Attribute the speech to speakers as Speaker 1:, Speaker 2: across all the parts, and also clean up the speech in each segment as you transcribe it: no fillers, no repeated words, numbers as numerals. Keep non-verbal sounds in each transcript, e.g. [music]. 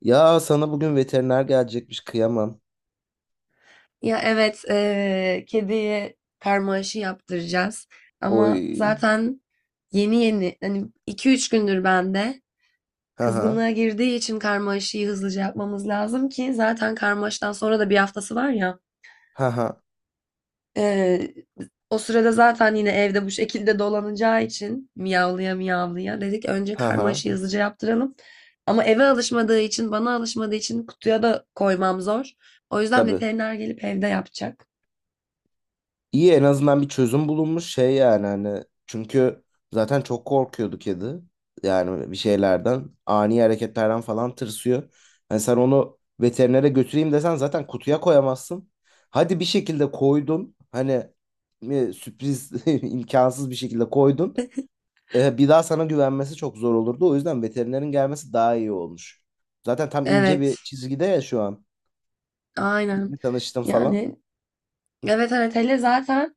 Speaker 1: Ya sana bugün veteriner gelecekmiş kıyamam.
Speaker 2: Ya evet, kediye karma aşı yaptıracağız. Ama
Speaker 1: Oy.
Speaker 2: zaten yeni yeni, hani 2-3 gündür bende
Speaker 1: Haha.
Speaker 2: kızgınlığa girdiği için karma aşıyı hızlıca yapmamız lazım ki zaten karma aşıdan sonra da bir haftası var ya.
Speaker 1: Haha.
Speaker 2: Eee, O sırada zaten yine evde bu şekilde dolanacağı için miyavlaya miyavlaya dedik önce karma
Speaker 1: Haha.
Speaker 2: aşıyı hızlıca yaptıralım. Ama eve alışmadığı için, bana alışmadığı için kutuya da koymam zor. O yüzden
Speaker 1: Tabii.
Speaker 2: veteriner gelip evde yapacak.
Speaker 1: İyi en azından bir çözüm bulunmuş şey yani hani çünkü zaten çok korkuyordu kedi. Yani bir şeylerden ani hareketlerden falan tırsıyor. Hani sen onu veterinere götüreyim desen zaten kutuya koyamazsın. Hadi bir şekilde koydun. Hani sürpriz [laughs] imkansız bir şekilde koydun. Bir daha sana güvenmesi çok zor olurdu. O yüzden veterinerin gelmesi daha iyi olmuş. Zaten tam ince bir
Speaker 2: Evet.
Speaker 1: çizgide ya şu an.
Speaker 2: Aynen.
Speaker 1: Yeni tanıştım falan.
Speaker 2: Yani evet evet, hele zaten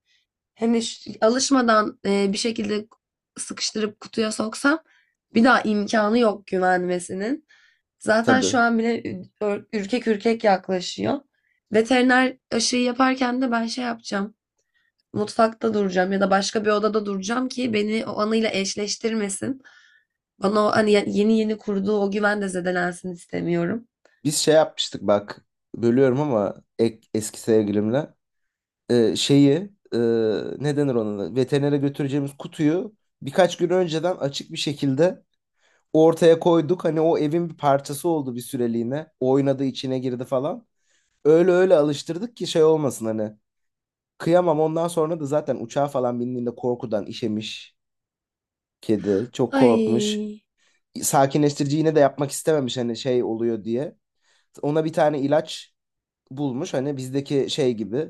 Speaker 2: hani alışmadan bir şekilde sıkıştırıp kutuya soksam bir daha imkanı yok güvenmesinin. Zaten
Speaker 1: Tabii.
Speaker 2: şu an bile ürkek ürkek yaklaşıyor. Veteriner aşıyı yaparken de ben şey yapacağım. Mutfakta duracağım ya da başka bir odada duracağım ki beni o anıyla eşleştirmesin. Bana o hani yeni yeni kurduğu o güven de zedelensin istemiyorum.
Speaker 1: Biz şey yapmıştık bak. Bölüyorum ama eski sevgilimle. Şeyi e, ne denir ona? Veterinere götüreceğimiz kutuyu birkaç gün önceden açık bir şekilde ortaya koyduk. Hani o evin bir parçası oldu bir süreliğine. Oynadı, içine girdi falan. Öyle öyle alıştırdık ki şey olmasın hani. Kıyamam ondan sonra da zaten uçağa falan bindiğinde korkudan işemiş kedi. Çok korkmuş.
Speaker 2: Ay,
Speaker 1: Sakinleştirici yine de yapmak istememiş hani şey oluyor diye. Ona bir tane ilaç bulmuş hani bizdeki şey gibi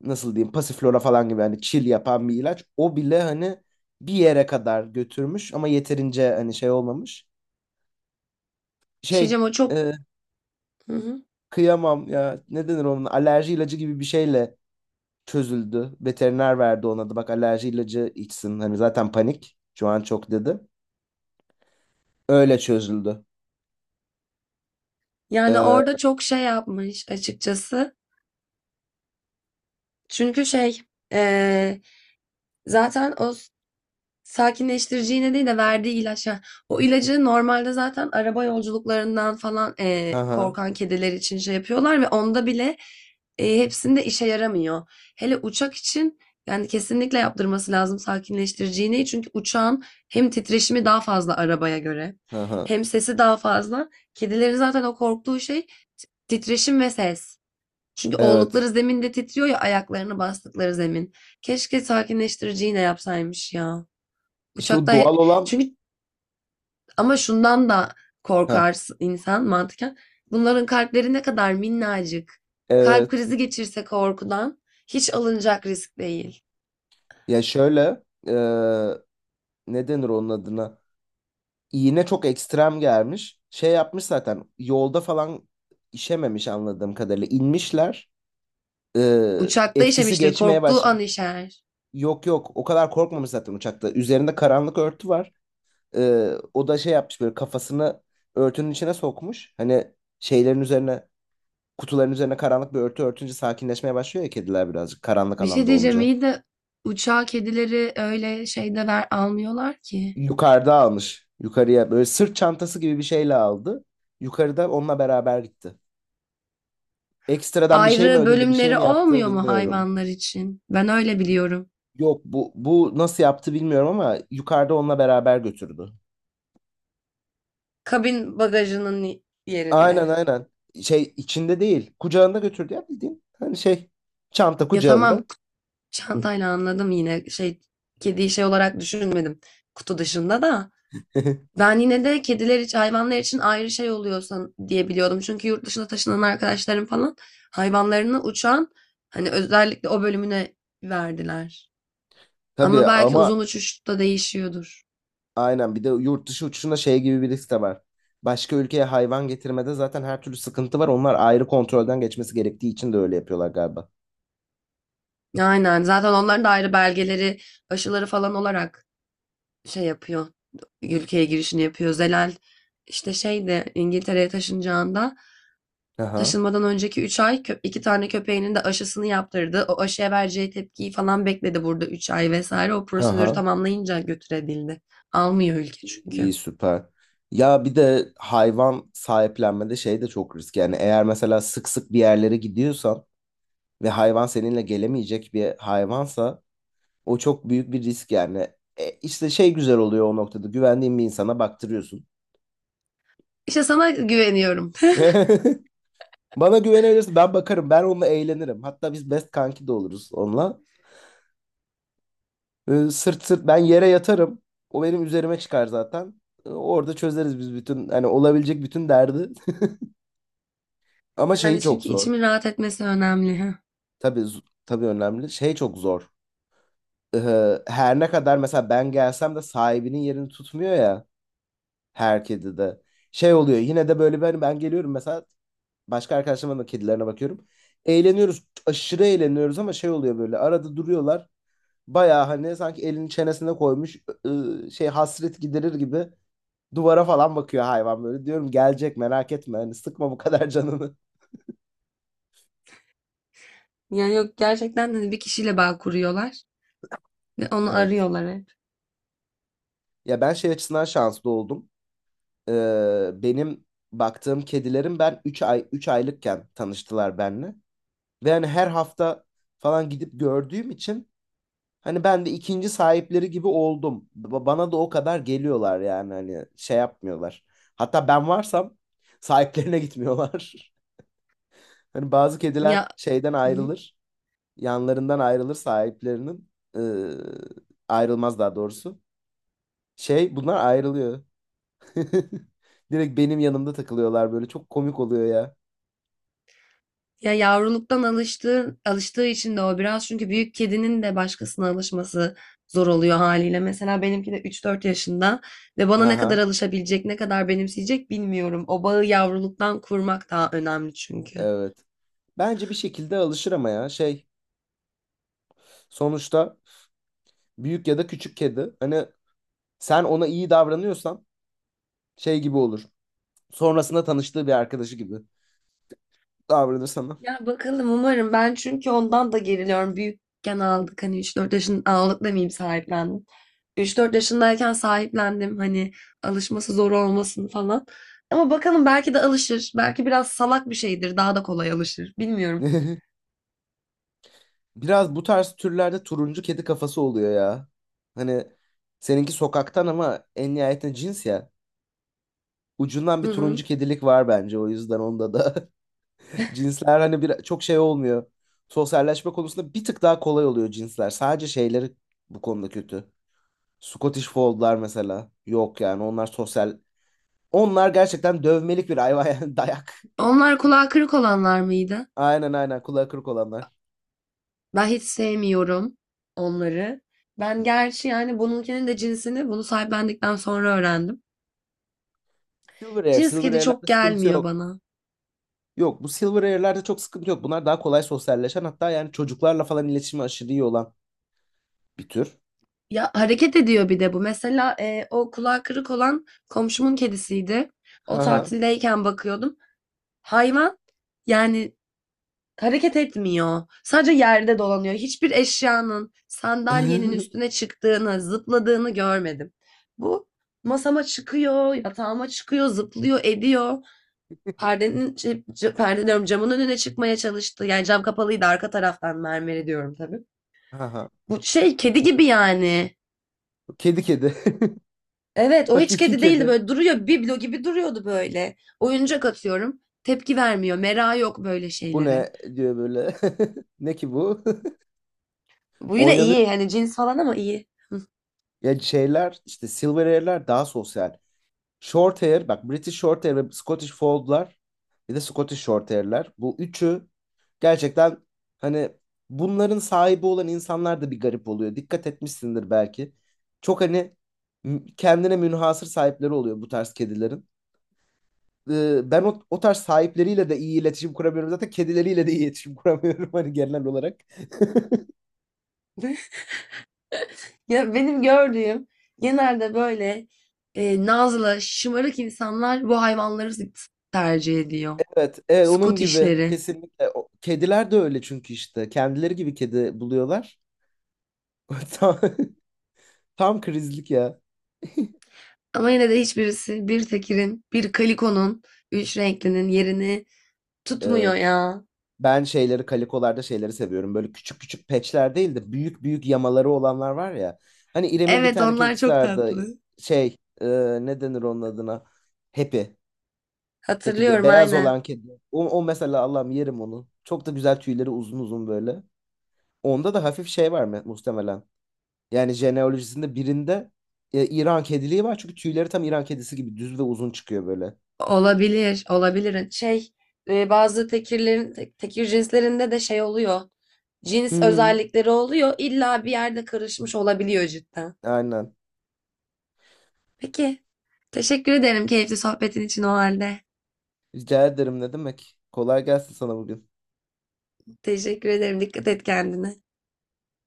Speaker 1: nasıl diyeyim pasiflora falan gibi hani chill yapan bir ilaç. O bile hani bir yere kadar götürmüş ama yeterince hani şey olmamış.
Speaker 2: bir şey
Speaker 1: Şey
Speaker 2: diyeceğim o çok...
Speaker 1: e,
Speaker 2: Hı hı.
Speaker 1: kıyamam ya ne denir onun alerji ilacı gibi bir şeyle çözüldü. Veteriner verdi ona da bak alerji ilacı içsin hani zaten panik şu an çok dedi. Öyle çözüldü.
Speaker 2: Yani
Speaker 1: Ee,
Speaker 2: orada çok şey yapmış açıkçası. Çünkü şey eee, zaten o sakinleştirici iğne değil de verdiği ilaç. Ha, o ilacı normalde zaten araba yolculuklarından falan
Speaker 1: hı hı,
Speaker 2: korkan kediler için şey yapıyorlar ve onda bile hepsinde işe yaramıyor. Hele uçak için yani kesinlikle yaptırması lazım sakinleştirici iğneyi. Çünkü uçağın hem titreşimi daha fazla arabaya göre
Speaker 1: hı hı.
Speaker 2: hem sesi daha fazla. Kedilerin zaten o korktuğu şey titreşim ve ses. Çünkü
Speaker 1: Evet.
Speaker 2: oldukları zeminde titriyor ya, ayaklarını bastıkları zemin. Keşke sakinleştirici iğne yapsaymış ya.
Speaker 1: İşte o
Speaker 2: Uçakta
Speaker 1: doğal olan.
Speaker 2: çünkü ama şundan da
Speaker 1: Ha,
Speaker 2: korkar insan mantıken. Bunların kalpleri ne kadar minnacık. Kalp
Speaker 1: evet.
Speaker 2: krizi geçirse korkudan, hiç alınacak risk değil.
Speaker 1: Ya şöyle. Ne denir onun adına? İğne çok ekstrem gelmiş. Şey yapmış zaten. Yolda falan işememiş anladığım kadarıyla. İnmişler. Ee,
Speaker 2: Uçakta
Speaker 1: etkisi
Speaker 2: işemiştir,
Speaker 1: geçmeye
Speaker 2: korktuğu
Speaker 1: başladı.
Speaker 2: an işer.
Speaker 1: Yok yok. O kadar korkmamış zaten uçakta. Üzerinde karanlık örtü var. O da şey yapmış böyle kafasını örtünün içine sokmuş. Hani şeylerin üzerine kutuların üzerine karanlık bir örtü örtünce sakinleşmeye başlıyor ya kediler birazcık karanlık
Speaker 2: Bir şey
Speaker 1: alanda
Speaker 2: diyeceğim
Speaker 1: olunca.
Speaker 2: iyi de uçağa kedileri öyle şeyde ver almıyorlar ki.
Speaker 1: Yukarıda almış. Yukarıya böyle sırt çantası gibi bir şeyle aldı. Yukarıda onunla beraber gitti. Ekstradan bir şey mi
Speaker 2: Ayrı
Speaker 1: ödedi, bir şey
Speaker 2: bölümleri
Speaker 1: mi yaptı
Speaker 2: olmuyor mu
Speaker 1: bilmiyorum.
Speaker 2: hayvanlar için? Ben öyle biliyorum.
Speaker 1: Yok bu nasıl yaptı bilmiyorum ama yukarıda onunla beraber götürdü.
Speaker 2: Kabin bagajının
Speaker 1: Aynen
Speaker 2: yerinde.
Speaker 1: aynen. Şey içinde değil, kucağında götürdü ya bildiğin. Hani şey çanta
Speaker 2: Ya tamam,
Speaker 1: kucağında.
Speaker 2: çantayla anladım yine şey, kediyi şey olarak düşünmedim kutu dışında da.
Speaker 1: [laughs]
Speaker 2: Ben yine de kediler için, hayvanlar için ayrı şey oluyorsa diye biliyordum. Çünkü yurt dışına taşınan arkadaşlarım falan hayvanlarını uçan hani özellikle o bölümüne verdiler.
Speaker 1: Tabii
Speaker 2: Ama belki
Speaker 1: ama
Speaker 2: uzun uçuşta değişiyordur.
Speaker 1: aynen bir de yurt dışı uçuşunda şey gibi bir risk de var. Başka ülkeye hayvan getirmede zaten her türlü sıkıntı var. Onlar ayrı kontrolden geçmesi gerektiği için de öyle yapıyorlar galiba.
Speaker 2: Aynen, zaten onların da ayrı belgeleri, aşıları falan olarak şey yapıyor. Ülkeye girişini yapıyor. Zelal işte şey de, İngiltere'ye taşınacağında
Speaker 1: Aha,
Speaker 2: taşınmadan önceki 3 ay, 2 tane köpeğinin de aşısını yaptırdı. O aşıya vereceği tepkiyi falan bekledi burada 3 ay vesaire. O prosedürü
Speaker 1: aha.
Speaker 2: tamamlayınca götürebildi. Almıyor ülke
Speaker 1: İyi,
Speaker 2: çünkü.
Speaker 1: iyi, süper. Ya bir de hayvan sahiplenmede şey de çok risk. Yani eğer mesela sık sık bir yerlere gidiyorsan ve hayvan seninle gelemeyecek bir hayvansa o çok büyük bir risk yani. E, işte şey güzel oluyor o noktada güvendiğin bir insana baktırıyorsun.
Speaker 2: İşte sana güveniyorum. [laughs]
Speaker 1: [laughs] Bana güvenebilirsin. Ben bakarım. Ben onunla eğlenirim. Hatta biz best kanki de oluruz onunla. Sırt sırt ben yere yatarım. O benim üzerime çıkar zaten. Orada çözeriz biz bütün hani olabilecek bütün derdi. [laughs] Ama şeyi
Speaker 2: Yani
Speaker 1: çok
Speaker 2: çünkü
Speaker 1: zor.
Speaker 2: içimin rahat etmesi önemli. Ha.
Speaker 1: Tabii tabii önemli. Şey çok zor. Her ne kadar mesela ben gelsem de sahibinin yerini tutmuyor ya her kedi de. Şey oluyor. Yine de böyle ben geliyorum mesela başka arkadaşlarımın da kedilerine bakıyorum. Eğleniyoruz. Aşırı eğleniyoruz ama şey oluyor böyle arada duruyorlar. Bayağı hani sanki elini çenesine koymuş şey hasret giderir gibi duvara falan bakıyor hayvan böyle. Diyorum gelecek merak etme hani sıkma bu kadar canını.
Speaker 2: Yani yok, gerçekten hani bir kişiyle bağ kuruyorlar ve
Speaker 1: [laughs]
Speaker 2: onu
Speaker 1: Evet.
Speaker 2: arıyorlar hep.
Speaker 1: Ya ben şey açısından şanslı oldum. Benim baktığım kedilerim ben 3 aylıkken tanıştılar benimle. Ve hani her hafta falan gidip gördüğüm için hani ben de ikinci sahipleri gibi oldum. Bana da o kadar geliyorlar yani hani şey yapmıyorlar. Hatta ben varsam sahiplerine gitmiyorlar. [laughs] Hani bazı kediler
Speaker 2: Ya
Speaker 1: şeyden ayrılır, yanlarından ayrılır sahiplerinin. Ee, ayrılmaz daha doğrusu. Şey bunlar ayrılıyor. [laughs] Direkt benim yanımda takılıyorlar böyle. Çok komik oluyor ya.
Speaker 2: Ya yavruluktan alıştığı, alıştığı için de o biraz, çünkü büyük kedinin de başkasına alışması zor oluyor haliyle. Mesela benimki de 3-4 yaşında ve bana ne kadar
Speaker 1: Aha,
Speaker 2: alışabilecek, ne kadar benimseyecek bilmiyorum. O bağı yavruluktan kurmak daha önemli çünkü.
Speaker 1: evet. Bence bir şekilde alışır ama ya şey sonuçta büyük ya da küçük kedi. Hani sen ona iyi davranıyorsan şey gibi olur. Sonrasında tanıştığı bir arkadaşı gibi davranır sana.
Speaker 2: Ya bakalım, umarım. Ben çünkü ondan da geriliyorum. Büyükken aldık hani, 3-4 yaşın aldık demeyeyim, sahiplendim. 3-4 yaşındayken sahiplendim hani alışması zor olmasın falan. Ama bakalım, belki de alışır. Belki biraz salak bir şeydir. Daha da kolay alışır. Bilmiyorum.
Speaker 1: [laughs] Biraz bu tarz türlerde turuncu kedi kafası oluyor ya. Hani seninki sokaktan ama en nihayetinde cins ya. Ucundan
Speaker 2: Hı
Speaker 1: bir turuncu
Speaker 2: hı.
Speaker 1: kedilik var bence o yüzden onda da. [laughs] Cinsler hani bir, çok şey olmuyor. Sosyalleşme konusunda bir tık daha kolay oluyor cinsler. Sadece şeyleri bu konuda kötü. Scottish Fold'lar mesela. Yok yani onlar sosyal. Onlar gerçekten dövmelik bir hayvan yani [laughs] dayak.
Speaker 2: Onlar kulağı kırık olanlar mıydı?
Speaker 1: Aynen aynen kulağı kırık olanlar.
Speaker 2: Ben hiç sevmiyorum onları. Ben gerçi yani bununkinin de cinsini bunu sahiplendikten sonra öğrendim.
Speaker 1: Silver Air,
Speaker 2: Cins
Speaker 1: Silver
Speaker 2: kedi çok
Speaker 1: Air'lerde sıkıntı
Speaker 2: gelmiyor
Speaker 1: yok.
Speaker 2: bana.
Speaker 1: Yok bu Silver Air'lerde çok sıkıntı yok. Bunlar daha kolay sosyalleşen hatta yani çocuklarla falan iletişimi aşırı iyi olan bir tür.
Speaker 2: Ya hareket ediyor bir de bu. Mesela o kulağı kırık olan komşumun kedisiydi. O
Speaker 1: Ha
Speaker 2: tatildeyken bakıyordum. Hayvan yani hareket etmiyor. Sadece yerde dolanıyor. Hiçbir eşyanın, sandalyenin üstüne
Speaker 1: [laughs]
Speaker 2: çıktığını, zıpladığını görmedim. Bu masama çıkıyor, yatağıma çıkıyor, zıplıyor, ediyor. Perdenin, şey, perde diyorum, camın önüne çıkmaya çalıştı. Yani cam kapalıydı, arka taraftan mermeri diyorum tabii.
Speaker 1: ha.
Speaker 2: Bu şey kedi gibi yani.
Speaker 1: Kedi kedi. [laughs]
Speaker 2: Evet, o hiç
Speaker 1: Hakiki
Speaker 2: kedi değildi,
Speaker 1: kedi.
Speaker 2: böyle duruyor biblo gibi duruyordu böyle. Oyuncak atıyorum, tepki vermiyor. Merak yok böyle
Speaker 1: Bu
Speaker 2: şeylere.
Speaker 1: ne diyor böyle. [laughs] Ne ki bu? [laughs]
Speaker 2: Bu yine
Speaker 1: Oynanıyor.
Speaker 2: iyi hani, cins falan ama iyi.
Speaker 1: Ya şeyler işte Silver Air'ler daha sosyal. Short Air bak British Short Air ve Scottish Fold'lar bir de Scottish Short Air'ler. Bu üçü. Gerçekten hani bunların sahibi olan insanlar da bir garip oluyor. Dikkat etmişsindir belki. Çok hani kendine münhasır sahipleri oluyor bu tarz kedilerin. Ben o tarz sahipleriyle de iyi iletişim kuramıyorum. Zaten kedileriyle de iyi iletişim [laughs] kuramıyorum hani genel olarak. [laughs]
Speaker 2: [laughs] Ya benim gördüğüm genelde böyle nazlı, şımarık insanlar bu hayvanları tercih ediyor.
Speaker 1: Evet, evet onun gibi
Speaker 2: Scottish'leri.
Speaker 1: kesinlikle. Kediler de öyle çünkü işte kendileri gibi kedi buluyorlar. [laughs] Tam, tam krizlik ya.
Speaker 2: Ama yine de hiçbirisi bir tekirin, bir kalikonun, üç renklinin yerini tutmuyor
Speaker 1: Evet.
Speaker 2: ya.
Speaker 1: Ben kalikolarda şeyleri seviyorum. Böyle küçük küçük patchler değil de büyük büyük yamaları olanlar var ya. Hani İrem'in bir
Speaker 2: Evet,
Speaker 1: tane
Speaker 2: onlar
Speaker 1: kedisi
Speaker 2: çok
Speaker 1: vardı.
Speaker 2: tatlı.
Speaker 1: Şey ne denir onun adına? Happy. Happy diye.
Speaker 2: Hatırlıyorum,
Speaker 1: Beyaz
Speaker 2: aynen.
Speaker 1: olan kedi. O mesela Allah'ım yerim onu. Çok da güzel tüyleri uzun uzun böyle. Onda da hafif şey var mı muhtemelen. Yani jeneolojisinde birinde İran kediliği var. Çünkü tüyleri tam İran kedisi gibi düz ve uzun çıkıyor böyle.
Speaker 2: Olabilir, olabilir. Şey, bazı tekirlerin, tekir cinslerinde de şey oluyor. Cins
Speaker 1: Hmm.
Speaker 2: özellikleri oluyor. İlla bir yerde karışmış olabiliyor cidden.
Speaker 1: Aynen.
Speaker 2: Peki. Teşekkür ederim keyifli sohbetin için o halde.
Speaker 1: Rica ederim ne demek. Kolay gelsin sana bugün.
Speaker 2: Teşekkür ederim. Dikkat et kendine.